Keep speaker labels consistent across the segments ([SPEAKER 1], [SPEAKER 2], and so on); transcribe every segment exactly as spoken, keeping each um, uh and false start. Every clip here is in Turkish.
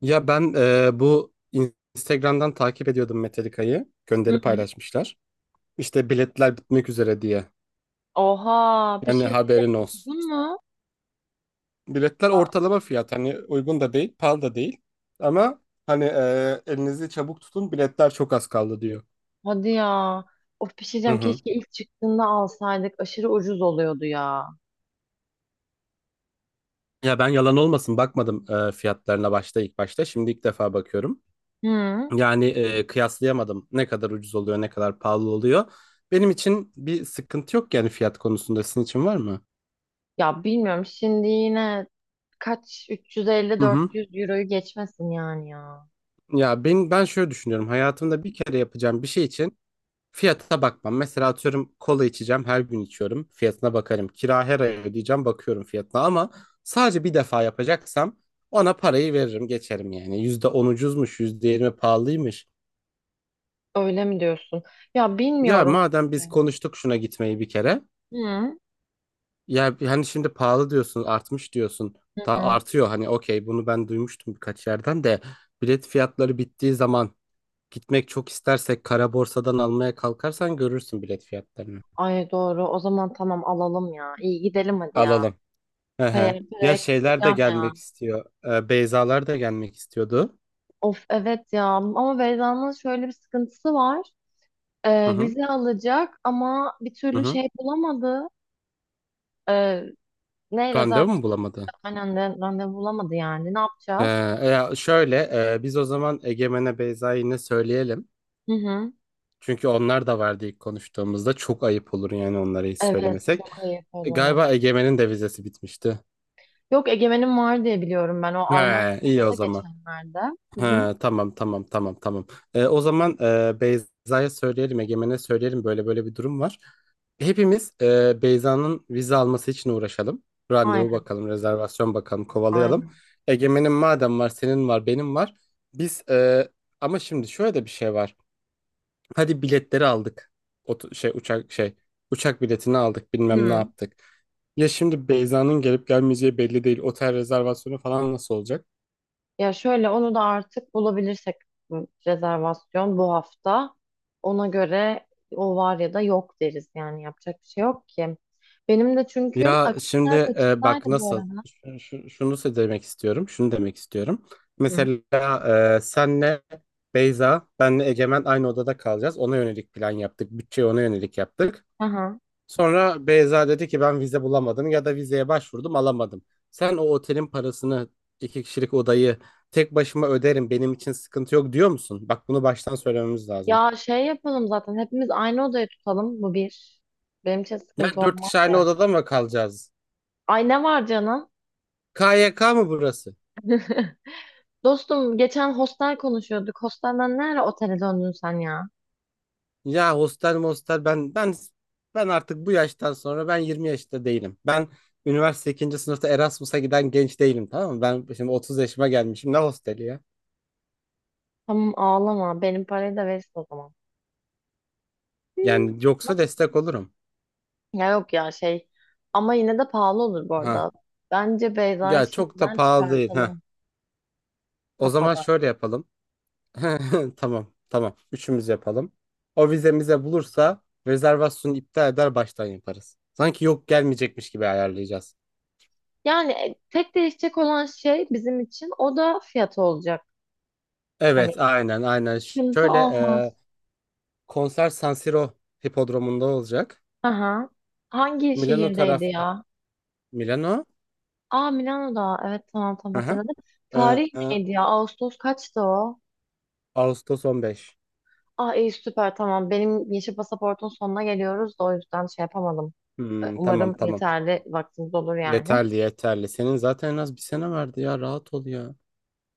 [SPEAKER 1] Ya ben e, bu Instagram'dan takip ediyordum Metallica'yı.
[SPEAKER 2] Hı
[SPEAKER 1] Gönderi
[SPEAKER 2] hı.
[SPEAKER 1] paylaşmışlar. İşte biletler bitmek üzere diye.
[SPEAKER 2] Oha bir
[SPEAKER 1] Yani
[SPEAKER 2] şey diyeceğim
[SPEAKER 1] haberin olsun.
[SPEAKER 2] uygun mu?
[SPEAKER 1] Biletler
[SPEAKER 2] Ben-
[SPEAKER 1] ortalama fiyat. Hani uygun da değil, pahalı da değil. Ama hani e, elinizi çabuk tutun, biletler çok az kaldı diyor.
[SPEAKER 2] Hadi ya. Of bir şey
[SPEAKER 1] Hı
[SPEAKER 2] diyeceğim
[SPEAKER 1] hı.
[SPEAKER 2] keşke ilk çıktığında alsaydık aşırı ucuz oluyordu ya.
[SPEAKER 1] Ya ben yalan olmasın, bakmadım e, fiyatlarına başta, ilk başta. Şimdi ilk defa bakıyorum.
[SPEAKER 2] Hı.
[SPEAKER 1] Yani e, kıyaslayamadım. Ne kadar ucuz oluyor, ne kadar pahalı oluyor. Benim için bir sıkıntı yok yani fiyat konusunda. Sizin için var mı?
[SPEAKER 2] Ya bilmiyorum şimdi yine kaç
[SPEAKER 1] Hı hı.
[SPEAKER 2] üç yüz elli dört yüz euroyu geçmesin yani ya.
[SPEAKER 1] Ya ben ben şöyle düşünüyorum. Hayatımda bir kere yapacağım bir şey için fiyata bakmam. Mesela atıyorum, kola içeceğim, her gün içiyorum. Fiyatına bakarım. Kira her ay ödeyeceğim, bakıyorum fiyatına, ama sadece bir defa yapacaksam ona parayı veririm, geçerim yani. yüzde on ucuzmuş, yüzde yirmi pahalıymış.
[SPEAKER 2] Öyle mi diyorsun? Ya
[SPEAKER 1] Ya
[SPEAKER 2] bilmiyorum
[SPEAKER 1] madem biz
[SPEAKER 2] işte.
[SPEAKER 1] konuştuk şuna gitmeyi bir kere.
[SPEAKER 2] Hı.
[SPEAKER 1] Ya hani şimdi pahalı diyorsun, artmış diyorsun.
[SPEAKER 2] Hı
[SPEAKER 1] Daha
[SPEAKER 2] hı.
[SPEAKER 1] artıyor hani, okey, bunu ben duymuştum birkaç yerden de. Bilet fiyatları bittiği zaman gitmek çok istersek, kara borsadan almaya kalkarsan görürsün bilet fiyatlarını.
[SPEAKER 2] Ay doğru o zaman tamam alalım ya. İyi gidelim hadi ya.
[SPEAKER 1] Alalım. Hı hı.
[SPEAKER 2] Hayır
[SPEAKER 1] Ya
[SPEAKER 2] paraya
[SPEAKER 1] şeyler de
[SPEAKER 2] kıyacağım ya.
[SPEAKER 1] gelmek istiyor. Ee, Beyzalar da gelmek istiyordu.
[SPEAKER 2] Of evet ya ama Beyza'nın şöyle bir sıkıntısı var.
[SPEAKER 1] Hı
[SPEAKER 2] Ee,
[SPEAKER 1] hı.
[SPEAKER 2] vize alacak ama bir
[SPEAKER 1] Hı
[SPEAKER 2] türlü
[SPEAKER 1] hı.
[SPEAKER 2] şey bulamadı. Ee, ne
[SPEAKER 1] Randevu mu
[SPEAKER 2] rezervasyon
[SPEAKER 1] bulamadı?
[SPEAKER 2] aynen de randevu bulamadı yani. Ne
[SPEAKER 1] He,
[SPEAKER 2] yapacağız?
[SPEAKER 1] e, ya şöyle, e, biz o zaman Egemen'e Beyza'yı yine söyleyelim.
[SPEAKER 2] Hı hı.
[SPEAKER 1] Çünkü onlar da vardı ilk konuştuğumuzda. Çok ayıp olur yani onlara hiç
[SPEAKER 2] Evet
[SPEAKER 1] söylemesek.
[SPEAKER 2] çok ayıp
[SPEAKER 1] E,
[SPEAKER 2] olur.
[SPEAKER 1] Galiba Egemen'in de vizesi bitmişti.
[SPEAKER 2] Yok Egemen'in var diye biliyorum ben. O
[SPEAKER 1] He,
[SPEAKER 2] Almanya'da
[SPEAKER 1] iyi o
[SPEAKER 2] aldı
[SPEAKER 1] zaman.
[SPEAKER 2] geçenlerde. Hı hı.
[SPEAKER 1] Ha, tamam tamam tamam tamam. Ee, o zaman, e, Beyza'ya söyleyelim, Egemen'e söyleyelim, böyle böyle bir durum var. Hepimiz e, Beyza'nın vize alması için uğraşalım. Randevu
[SPEAKER 2] Aynen
[SPEAKER 1] bakalım, rezervasyon bakalım, kovalayalım.
[SPEAKER 2] aynen.
[SPEAKER 1] Egemen'in madem var, senin var, benim var. Biz e, ama şimdi şöyle de bir şey var. Hadi biletleri aldık. Otu- şey uçak şey uçak biletini aldık, bilmem ne
[SPEAKER 2] Hı.
[SPEAKER 1] yaptık. Ya şimdi Beyza'nın gelip gelmeyeceği belli değil. Otel rezervasyonu falan nasıl olacak?
[SPEAKER 2] Ya şöyle onu da artık bulabilirsek bu rezervasyon bu hafta. Ona göre o var ya da yok deriz yani yapacak bir şey yok ki. Benim de çünkü
[SPEAKER 1] Ya şimdi
[SPEAKER 2] akşamlar
[SPEAKER 1] e,
[SPEAKER 2] kaçındaydı
[SPEAKER 1] bak
[SPEAKER 2] bu
[SPEAKER 1] nasıl,
[SPEAKER 2] arada.
[SPEAKER 1] şu- şu- şunu se- demek istiyorum. Şunu demek istiyorum.
[SPEAKER 2] Hı.
[SPEAKER 1] Mesela e, senle Beyza, benle Egemen aynı odada kalacağız. Ona yönelik plan yaptık. Bütçeyi ona yönelik yaptık.
[SPEAKER 2] Aha.
[SPEAKER 1] Sonra Beyza dedi ki ben vize bulamadım ya da vizeye başvurdum alamadım. Sen o otelin parasını, iki kişilik odayı tek başıma öderim, benim için sıkıntı yok diyor musun? Bak bunu baştan söylememiz lazım.
[SPEAKER 2] Ya şey yapalım zaten hepimiz aynı odayı tutalım bu bir. Benim için sıkıntı
[SPEAKER 1] Yani dört
[SPEAKER 2] olmaz
[SPEAKER 1] kişi aynı
[SPEAKER 2] yani.
[SPEAKER 1] odada mı kalacağız?
[SPEAKER 2] Ay ne var canım?
[SPEAKER 1] K Y K mı burası?
[SPEAKER 2] Dostum geçen hostel konuşuyorduk. Hostelden nereye otele döndün sen ya?
[SPEAKER 1] Ya hostel mostel, ben ben ben artık bu yaştan sonra, ben yirmi yaşta değilim. Ben üniversite ikinci sınıfta Erasmus'a giden genç değilim, tamam mı? Ben şimdi otuz yaşıma gelmişim, ne hosteli ya?
[SPEAKER 2] Tamam ağlama benim parayı da verirsin o zaman. Hı.
[SPEAKER 1] Yani yoksa
[SPEAKER 2] Nasıl?
[SPEAKER 1] destek olurum.
[SPEAKER 2] Ya yok ya şey ama yine de pahalı olur bu arada.
[SPEAKER 1] Ha.
[SPEAKER 2] Bence Beyza'yı
[SPEAKER 1] Ya çok da
[SPEAKER 2] şimdiden
[SPEAKER 1] pahalı değil. Ha.
[SPEAKER 2] çıkartalım
[SPEAKER 1] O zaman
[SPEAKER 2] kafadan.
[SPEAKER 1] şöyle yapalım. Tamam tamam üçümüz yapalım. O vizemize bulursa rezervasyonu iptal eder, baştan yaparız. Sanki yok gelmeyecekmiş gibi ayarlayacağız.
[SPEAKER 2] Yani e, tek değişecek olan şey bizim için o da fiyatı olacak. Hani
[SPEAKER 1] Evet, aynen aynen. Ş-
[SPEAKER 2] sıkıntı
[SPEAKER 1] Şöyle.
[SPEAKER 2] olmaz.
[SPEAKER 1] Konser San Siro hipodromunda olacak.
[SPEAKER 2] Aha. Hangi
[SPEAKER 1] Milano
[SPEAKER 2] şehirdeydi
[SPEAKER 1] taraf
[SPEAKER 2] ya?
[SPEAKER 1] Milano.
[SPEAKER 2] Aa Milano'da. Evet tamam tamam
[SPEAKER 1] Aha.
[SPEAKER 2] hatırladım.
[SPEAKER 1] Ee,
[SPEAKER 2] Tarih
[SPEAKER 1] e,
[SPEAKER 2] neydi ya? Ağustos kaçtı o?
[SPEAKER 1] Ağustos on beş.
[SPEAKER 2] Ah iyi süper tamam. Benim yeşil pasaportun sonuna geliyoruz da o yüzden şey yapamadım. Ee,
[SPEAKER 1] Hmm, tamam
[SPEAKER 2] Umarım
[SPEAKER 1] tamam.
[SPEAKER 2] yeterli vaktimiz olur yani.
[SPEAKER 1] Yeterli yeterli. Senin zaten en az bir sene vardı ya. Rahat ol ya.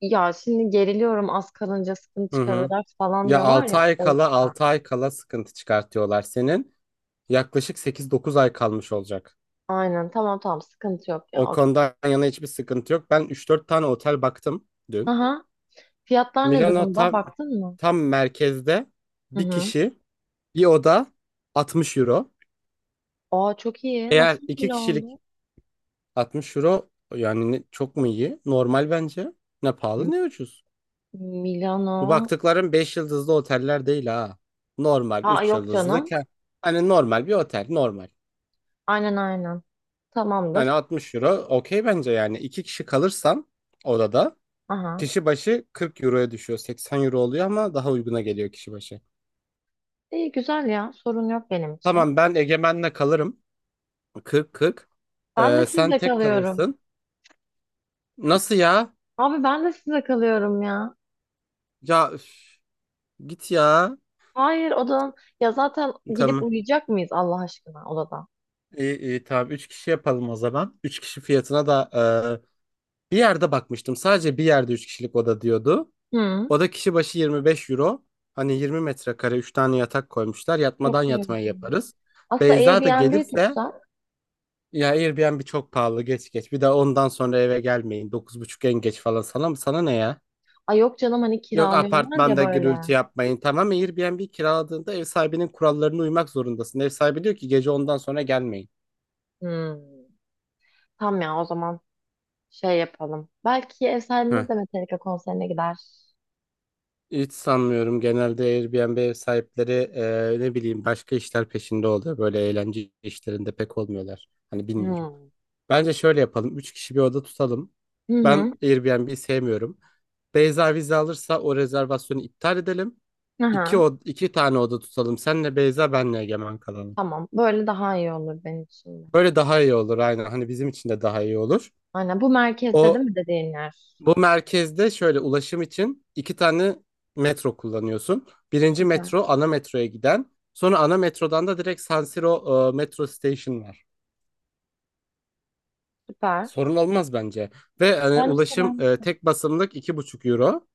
[SPEAKER 2] Ya şimdi geriliyorum az kalınca sıkıntı
[SPEAKER 1] Hı hı.
[SPEAKER 2] çıkarıyorlar falan
[SPEAKER 1] Ya
[SPEAKER 2] diyorlar
[SPEAKER 1] altı
[SPEAKER 2] ya
[SPEAKER 1] ay
[SPEAKER 2] o
[SPEAKER 1] kala, altı
[SPEAKER 2] yüzden.
[SPEAKER 1] ay kala sıkıntı çıkartıyorlar senin. Yaklaşık sekiz dokuz ay kalmış olacak.
[SPEAKER 2] Aynen tamam tamam sıkıntı yok ya
[SPEAKER 1] O
[SPEAKER 2] okey.
[SPEAKER 1] konudan yana hiçbir sıkıntı yok. Ben üç dört tane otel baktım dün.
[SPEAKER 2] Aha. Fiyatlar ne
[SPEAKER 1] Milano
[SPEAKER 2] durumda?
[SPEAKER 1] tam
[SPEAKER 2] Baktın mı?
[SPEAKER 1] tam merkezde,
[SPEAKER 2] Hı
[SPEAKER 1] bir
[SPEAKER 2] hı.
[SPEAKER 1] kişi, bir oda altmış euro.
[SPEAKER 2] Aa çok iyi.
[SPEAKER 1] Eğer
[SPEAKER 2] Nasıl
[SPEAKER 1] iki
[SPEAKER 2] böyle
[SPEAKER 1] kişilik
[SPEAKER 2] oldu?
[SPEAKER 1] altmış euro, yani ne- çok mu iyi? Normal bence. Ne pahalı
[SPEAKER 2] M-
[SPEAKER 1] ne ucuz. Bu
[SPEAKER 2] Milano.
[SPEAKER 1] baktıkların beş yıldızlı oteller değil ha. Normal
[SPEAKER 2] Ha
[SPEAKER 1] üç
[SPEAKER 2] yok
[SPEAKER 1] yıldızlı.
[SPEAKER 2] canım.
[SPEAKER 1] ke- Hani normal bir otel, normal.
[SPEAKER 2] Aynen aynen.
[SPEAKER 1] Hani
[SPEAKER 2] Tamamdır.
[SPEAKER 1] altmış euro okey bence yani. İki kişi kalırsan odada
[SPEAKER 2] Aha.
[SPEAKER 1] kişi başı kırk euroya düşüyor. seksen euro oluyor ama daha uyguna geliyor kişi başı.
[SPEAKER 2] İyi güzel ya. Sorun yok benim için.
[SPEAKER 1] Tamam ben Egemen'le kalırım. kırk kırk.
[SPEAKER 2] Ben de
[SPEAKER 1] Ee, sen
[SPEAKER 2] sizle
[SPEAKER 1] tek
[SPEAKER 2] kalıyorum.
[SPEAKER 1] kalırsın. Nasıl ya?
[SPEAKER 2] Abi ben de sizle kalıyorum ya.
[SPEAKER 1] Ya üf, git ya.
[SPEAKER 2] Hayır odan, ya zaten gidip
[SPEAKER 1] Tamam.
[SPEAKER 2] uyuyacak mıyız Allah aşkına odada?
[SPEAKER 1] İyi, iyi tamam. Üç kişi yapalım o zaman. Üç kişi fiyatına da e, bir yerde bakmıştım. Sadece bir yerde üç kişilik oda diyordu.
[SPEAKER 2] Hı.
[SPEAKER 1] Oda kişi başı yirmi beş euro. Hani yirmi metrekare, üç tane yatak koymuşlar.
[SPEAKER 2] Yok
[SPEAKER 1] Yatmadan
[SPEAKER 2] öyle.
[SPEAKER 1] yatmayı yaparız.
[SPEAKER 2] Aslında
[SPEAKER 1] Beyza da
[SPEAKER 2] Airbnb
[SPEAKER 1] gelirse
[SPEAKER 2] tutsak.
[SPEAKER 1] ya, Airbnb çok pahalı, geç geç. Bir de ondan sonra eve gelmeyin. Dokuz buçuk en geç falan, sana mı? Sana ne ya?
[SPEAKER 2] Ay yok canım hani
[SPEAKER 1] Yok,
[SPEAKER 2] kiralıyorlar ya
[SPEAKER 1] apartmanda
[SPEAKER 2] böyle.
[SPEAKER 1] gürültü yapmayın. Tamam, Airbnb kiraladığında ev sahibinin kurallarına uymak zorundasın. Ev sahibi diyor ki gece ondan sonra gelmeyin.
[SPEAKER 2] Hı. Tamam ya o zaman şey yapalım. Belki ev
[SPEAKER 1] Heh.
[SPEAKER 2] sahibimiz de Metallica konserine gider.
[SPEAKER 1] Hiç sanmıyorum. Genelde Airbnb ev sahipleri e, ne bileyim başka işler peşinde oluyor. Böyle eğlence işlerinde pek olmuyorlar. Hani bilmiyorum.
[SPEAKER 2] Hı.
[SPEAKER 1] Bence şöyle yapalım. Üç kişi bir oda tutalım.
[SPEAKER 2] Hı hı.
[SPEAKER 1] Ben Airbnb'yi sevmiyorum. Beyza vize alırsa o rezervasyonu iptal edelim. İki,
[SPEAKER 2] Aha.
[SPEAKER 1] od iki tane oda tutalım. Senle Beyza, benle Egemen kalalım.
[SPEAKER 2] Tamam. Böyle daha iyi olur benim için de.
[SPEAKER 1] Böyle daha iyi olur aynen. Hani bizim için de daha iyi olur.
[SPEAKER 2] Aynen. Bu merkezde değil
[SPEAKER 1] O
[SPEAKER 2] mi dediğin yer?
[SPEAKER 1] Bu merkezde şöyle, ulaşım için iki tane metro kullanıyorsun. Birinci
[SPEAKER 2] Süper.
[SPEAKER 1] metro ana metroya giden. Sonra ana metrodan da direkt San Siro e, metro station var.
[SPEAKER 2] Süper.
[SPEAKER 1] Sorun olmaz bence. Ve hani
[SPEAKER 2] Bence de
[SPEAKER 1] ulaşım,
[SPEAKER 2] ben.
[SPEAKER 1] e, tek basımlık iki buçuk euro.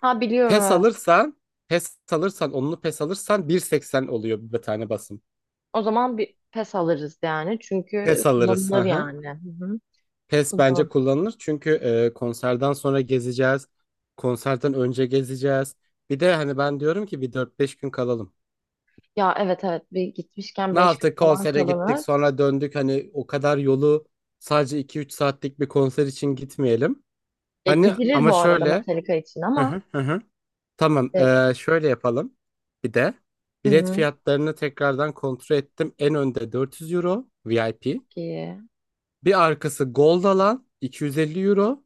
[SPEAKER 2] Ha biliyorum
[SPEAKER 1] P E S
[SPEAKER 2] evet.
[SPEAKER 1] alırsan, P E S alırsan, onlu P E S alırsan bir seksen oluyor bir tane basım.
[SPEAKER 2] O zaman bir pes alırız yani. Çünkü
[SPEAKER 1] P E S alırız. Hı
[SPEAKER 2] kullanılır
[SPEAKER 1] hı.
[SPEAKER 2] yani. Hı hı.
[SPEAKER 1] P E S bence
[SPEAKER 2] Kullanılır.
[SPEAKER 1] kullanılır. Çünkü e, konserden sonra gezeceğiz. Konserden önce gezeceğiz. Bir de hani ben diyorum ki bir dört beş gün kalalım.
[SPEAKER 2] Ya evet evet. Bir gitmişken
[SPEAKER 1] Ne
[SPEAKER 2] beş gün
[SPEAKER 1] yaptık?
[SPEAKER 2] falan
[SPEAKER 1] Konsere gittik,
[SPEAKER 2] kalınır.
[SPEAKER 1] sonra döndük. Hani o kadar yolu sadece iki üç saatlik bir konser için gitmeyelim.
[SPEAKER 2] Ya
[SPEAKER 1] Hani
[SPEAKER 2] gidilir
[SPEAKER 1] ama
[SPEAKER 2] bu arada
[SPEAKER 1] şöyle.
[SPEAKER 2] Metallica için
[SPEAKER 1] Hı
[SPEAKER 2] ama.
[SPEAKER 1] hı hı. Hı. Tamam,
[SPEAKER 2] E,
[SPEAKER 1] ee, şöyle yapalım. Bir de
[SPEAKER 2] hı
[SPEAKER 1] bilet
[SPEAKER 2] hı.
[SPEAKER 1] fiyatlarını tekrardan kontrol ettim. En önde dört yüz euro V I P.
[SPEAKER 2] Çok iyi.
[SPEAKER 1] Bir arkası Gold alan iki yüz elli euro.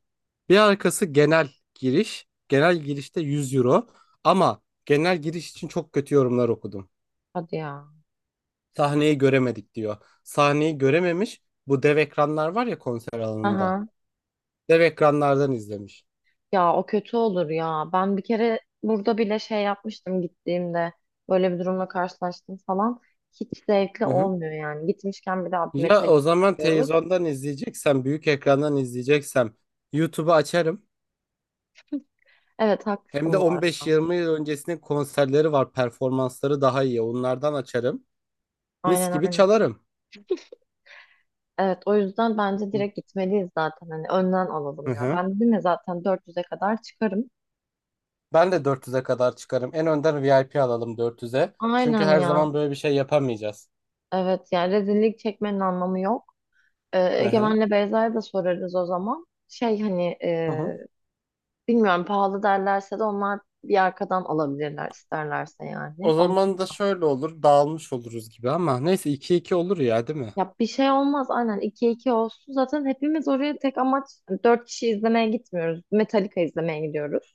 [SPEAKER 1] Bir arkası genel giriş. Genel girişte yüz euro. Ama genel giriş için çok kötü yorumlar okudum.
[SPEAKER 2] Hadi ya.
[SPEAKER 1] Sahneyi göremedik diyor. Sahneyi görememiş. Bu dev ekranlar var ya konser alanında.
[SPEAKER 2] Aha.
[SPEAKER 1] Dev ekranlardan izlemiş.
[SPEAKER 2] Ya o kötü olur ya. Ben bir kere burada bile şey yapmıştım gittiğimde. Böyle bir durumla karşılaştım falan. Hiç zevkli
[SPEAKER 1] Hı hı.
[SPEAKER 2] olmuyor yani. Gitmişken bir daha bir
[SPEAKER 1] Ya
[SPEAKER 2] metal
[SPEAKER 1] o zaman
[SPEAKER 2] diyoruz.
[SPEAKER 1] televizyondan izleyeceksem, büyük ekrandan izleyeceksem YouTube'u açarım.
[SPEAKER 2] Evet
[SPEAKER 1] Hem
[SPEAKER 2] haklısın
[SPEAKER 1] de
[SPEAKER 2] bu arada.
[SPEAKER 1] on beş yirmi yıl öncesinin konserleri var, performansları daha iyi. Onlardan açarım. Mis
[SPEAKER 2] Aynen
[SPEAKER 1] gibi
[SPEAKER 2] aynen.
[SPEAKER 1] çalarım.
[SPEAKER 2] Evet o yüzden bence
[SPEAKER 1] Hı
[SPEAKER 2] direkt gitmeliyiz zaten. Hani önden alalım ya.
[SPEAKER 1] hı.
[SPEAKER 2] Ben dedim ya zaten dört yüze kadar çıkarım.
[SPEAKER 1] Ben de dört yüze kadar çıkarım. En önden V I P alalım dört yüze. Çünkü
[SPEAKER 2] Aynen
[SPEAKER 1] her
[SPEAKER 2] ya.
[SPEAKER 1] zaman böyle bir şey yapamayacağız.
[SPEAKER 2] Evet yani rezillik çekmenin anlamı yok. Ee,
[SPEAKER 1] Hı hı.
[SPEAKER 2] Egemen'le Beyza'ya da sorarız o zaman. Şey hani
[SPEAKER 1] Hı hı.
[SPEAKER 2] bilmiyorum pahalı derlerse de onlar bir arkadan alabilirler isterlerse yani.
[SPEAKER 1] O
[SPEAKER 2] Onun,
[SPEAKER 1] zaman da şöyle olur, dağılmış oluruz gibi, ama neyse iki iki olur ya, değil mi?
[SPEAKER 2] ya bir şey olmaz aynen ikiye iki olsun. Zaten hepimiz oraya tek amaç hani dört kişi izlemeye gitmiyoruz. Metallica izlemeye gidiyoruz.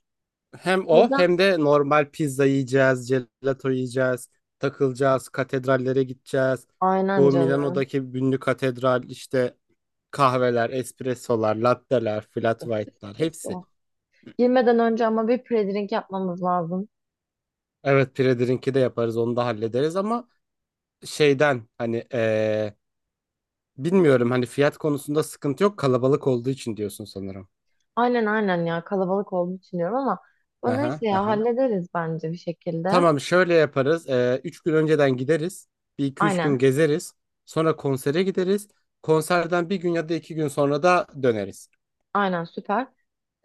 [SPEAKER 1] Hem
[SPEAKER 2] O
[SPEAKER 1] o
[SPEAKER 2] yüzden
[SPEAKER 1] hem de normal pizza yiyeceğiz, gelato yiyeceğiz, takılacağız, katedrallere gideceğiz.
[SPEAKER 2] aynen
[SPEAKER 1] Bu
[SPEAKER 2] canım.
[SPEAKER 1] Milano'daki ünlü katedral, işte kahveler, espressolar, latteler, flat white'lar hepsi.
[SPEAKER 2] Kesin. Girmeden önce ama bir pre-drink yapmamız lazım.
[SPEAKER 1] Evet Predir'inki de yaparız, onu da hallederiz, ama şeyden hani eee, bilmiyorum hani, fiyat konusunda sıkıntı yok kalabalık olduğu için diyorsun sanırım.
[SPEAKER 2] Aynen aynen ya kalabalık olduğunu düşünüyorum ama bu neyse
[SPEAKER 1] Aha,
[SPEAKER 2] ya
[SPEAKER 1] aha.
[SPEAKER 2] hallederiz bence bir şekilde.
[SPEAKER 1] Tamam şöyle yaparız. Ee, üç gün önceden gideriz. Bir iki üç gün
[SPEAKER 2] Aynen
[SPEAKER 1] gezeriz. Sonra konsere gideriz. Konserden bir gün ya da iki gün sonra da döneriz.
[SPEAKER 2] aynen süper.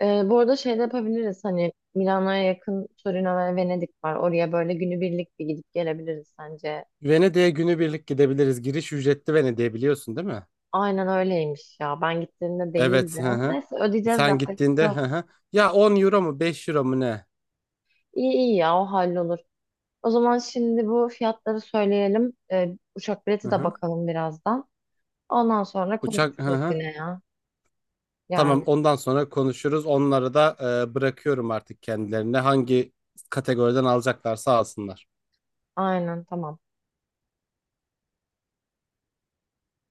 [SPEAKER 2] Ee, bu arada şey de yapabiliriz hani Milano'ya yakın Torino ve Venedik var. Oraya böyle günübirlik bir gidip gelebiliriz sence.
[SPEAKER 1] Venedik'e günübirlik gidebiliriz. Giriş ücretli, Venedik'e biliyorsun değil mi?
[SPEAKER 2] Aynen öyleymiş ya. Ben gittiğimde değildi.
[SPEAKER 1] Evet. Hı hı.
[SPEAKER 2] Neyse ödeyeceğiz
[SPEAKER 1] Sen
[SPEAKER 2] yapacak bir şey
[SPEAKER 1] gittiğinde hı
[SPEAKER 2] yok.
[SPEAKER 1] hı. Ya on euro mu beş euro mu ne?
[SPEAKER 2] İyi iyi ya o hallolur. O zaman şimdi bu fiyatları söyleyelim. Ee, uçak
[SPEAKER 1] Hı
[SPEAKER 2] bileti de
[SPEAKER 1] hı.
[SPEAKER 2] bakalım birazdan. Ondan sonra
[SPEAKER 1] Uçak hı
[SPEAKER 2] konuşuruz
[SPEAKER 1] hı.
[SPEAKER 2] yine ya.
[SPEAKER 1] Tamam
[SPEAKER 2] Yani
[SPEAKER 1] ondan sonra konuşuruz. Onları da e, bırakıyorum artık kendilerine. Hangi kategoriden alacaklarsa alsınlar.
[SPEAKER 2] aynen tamam.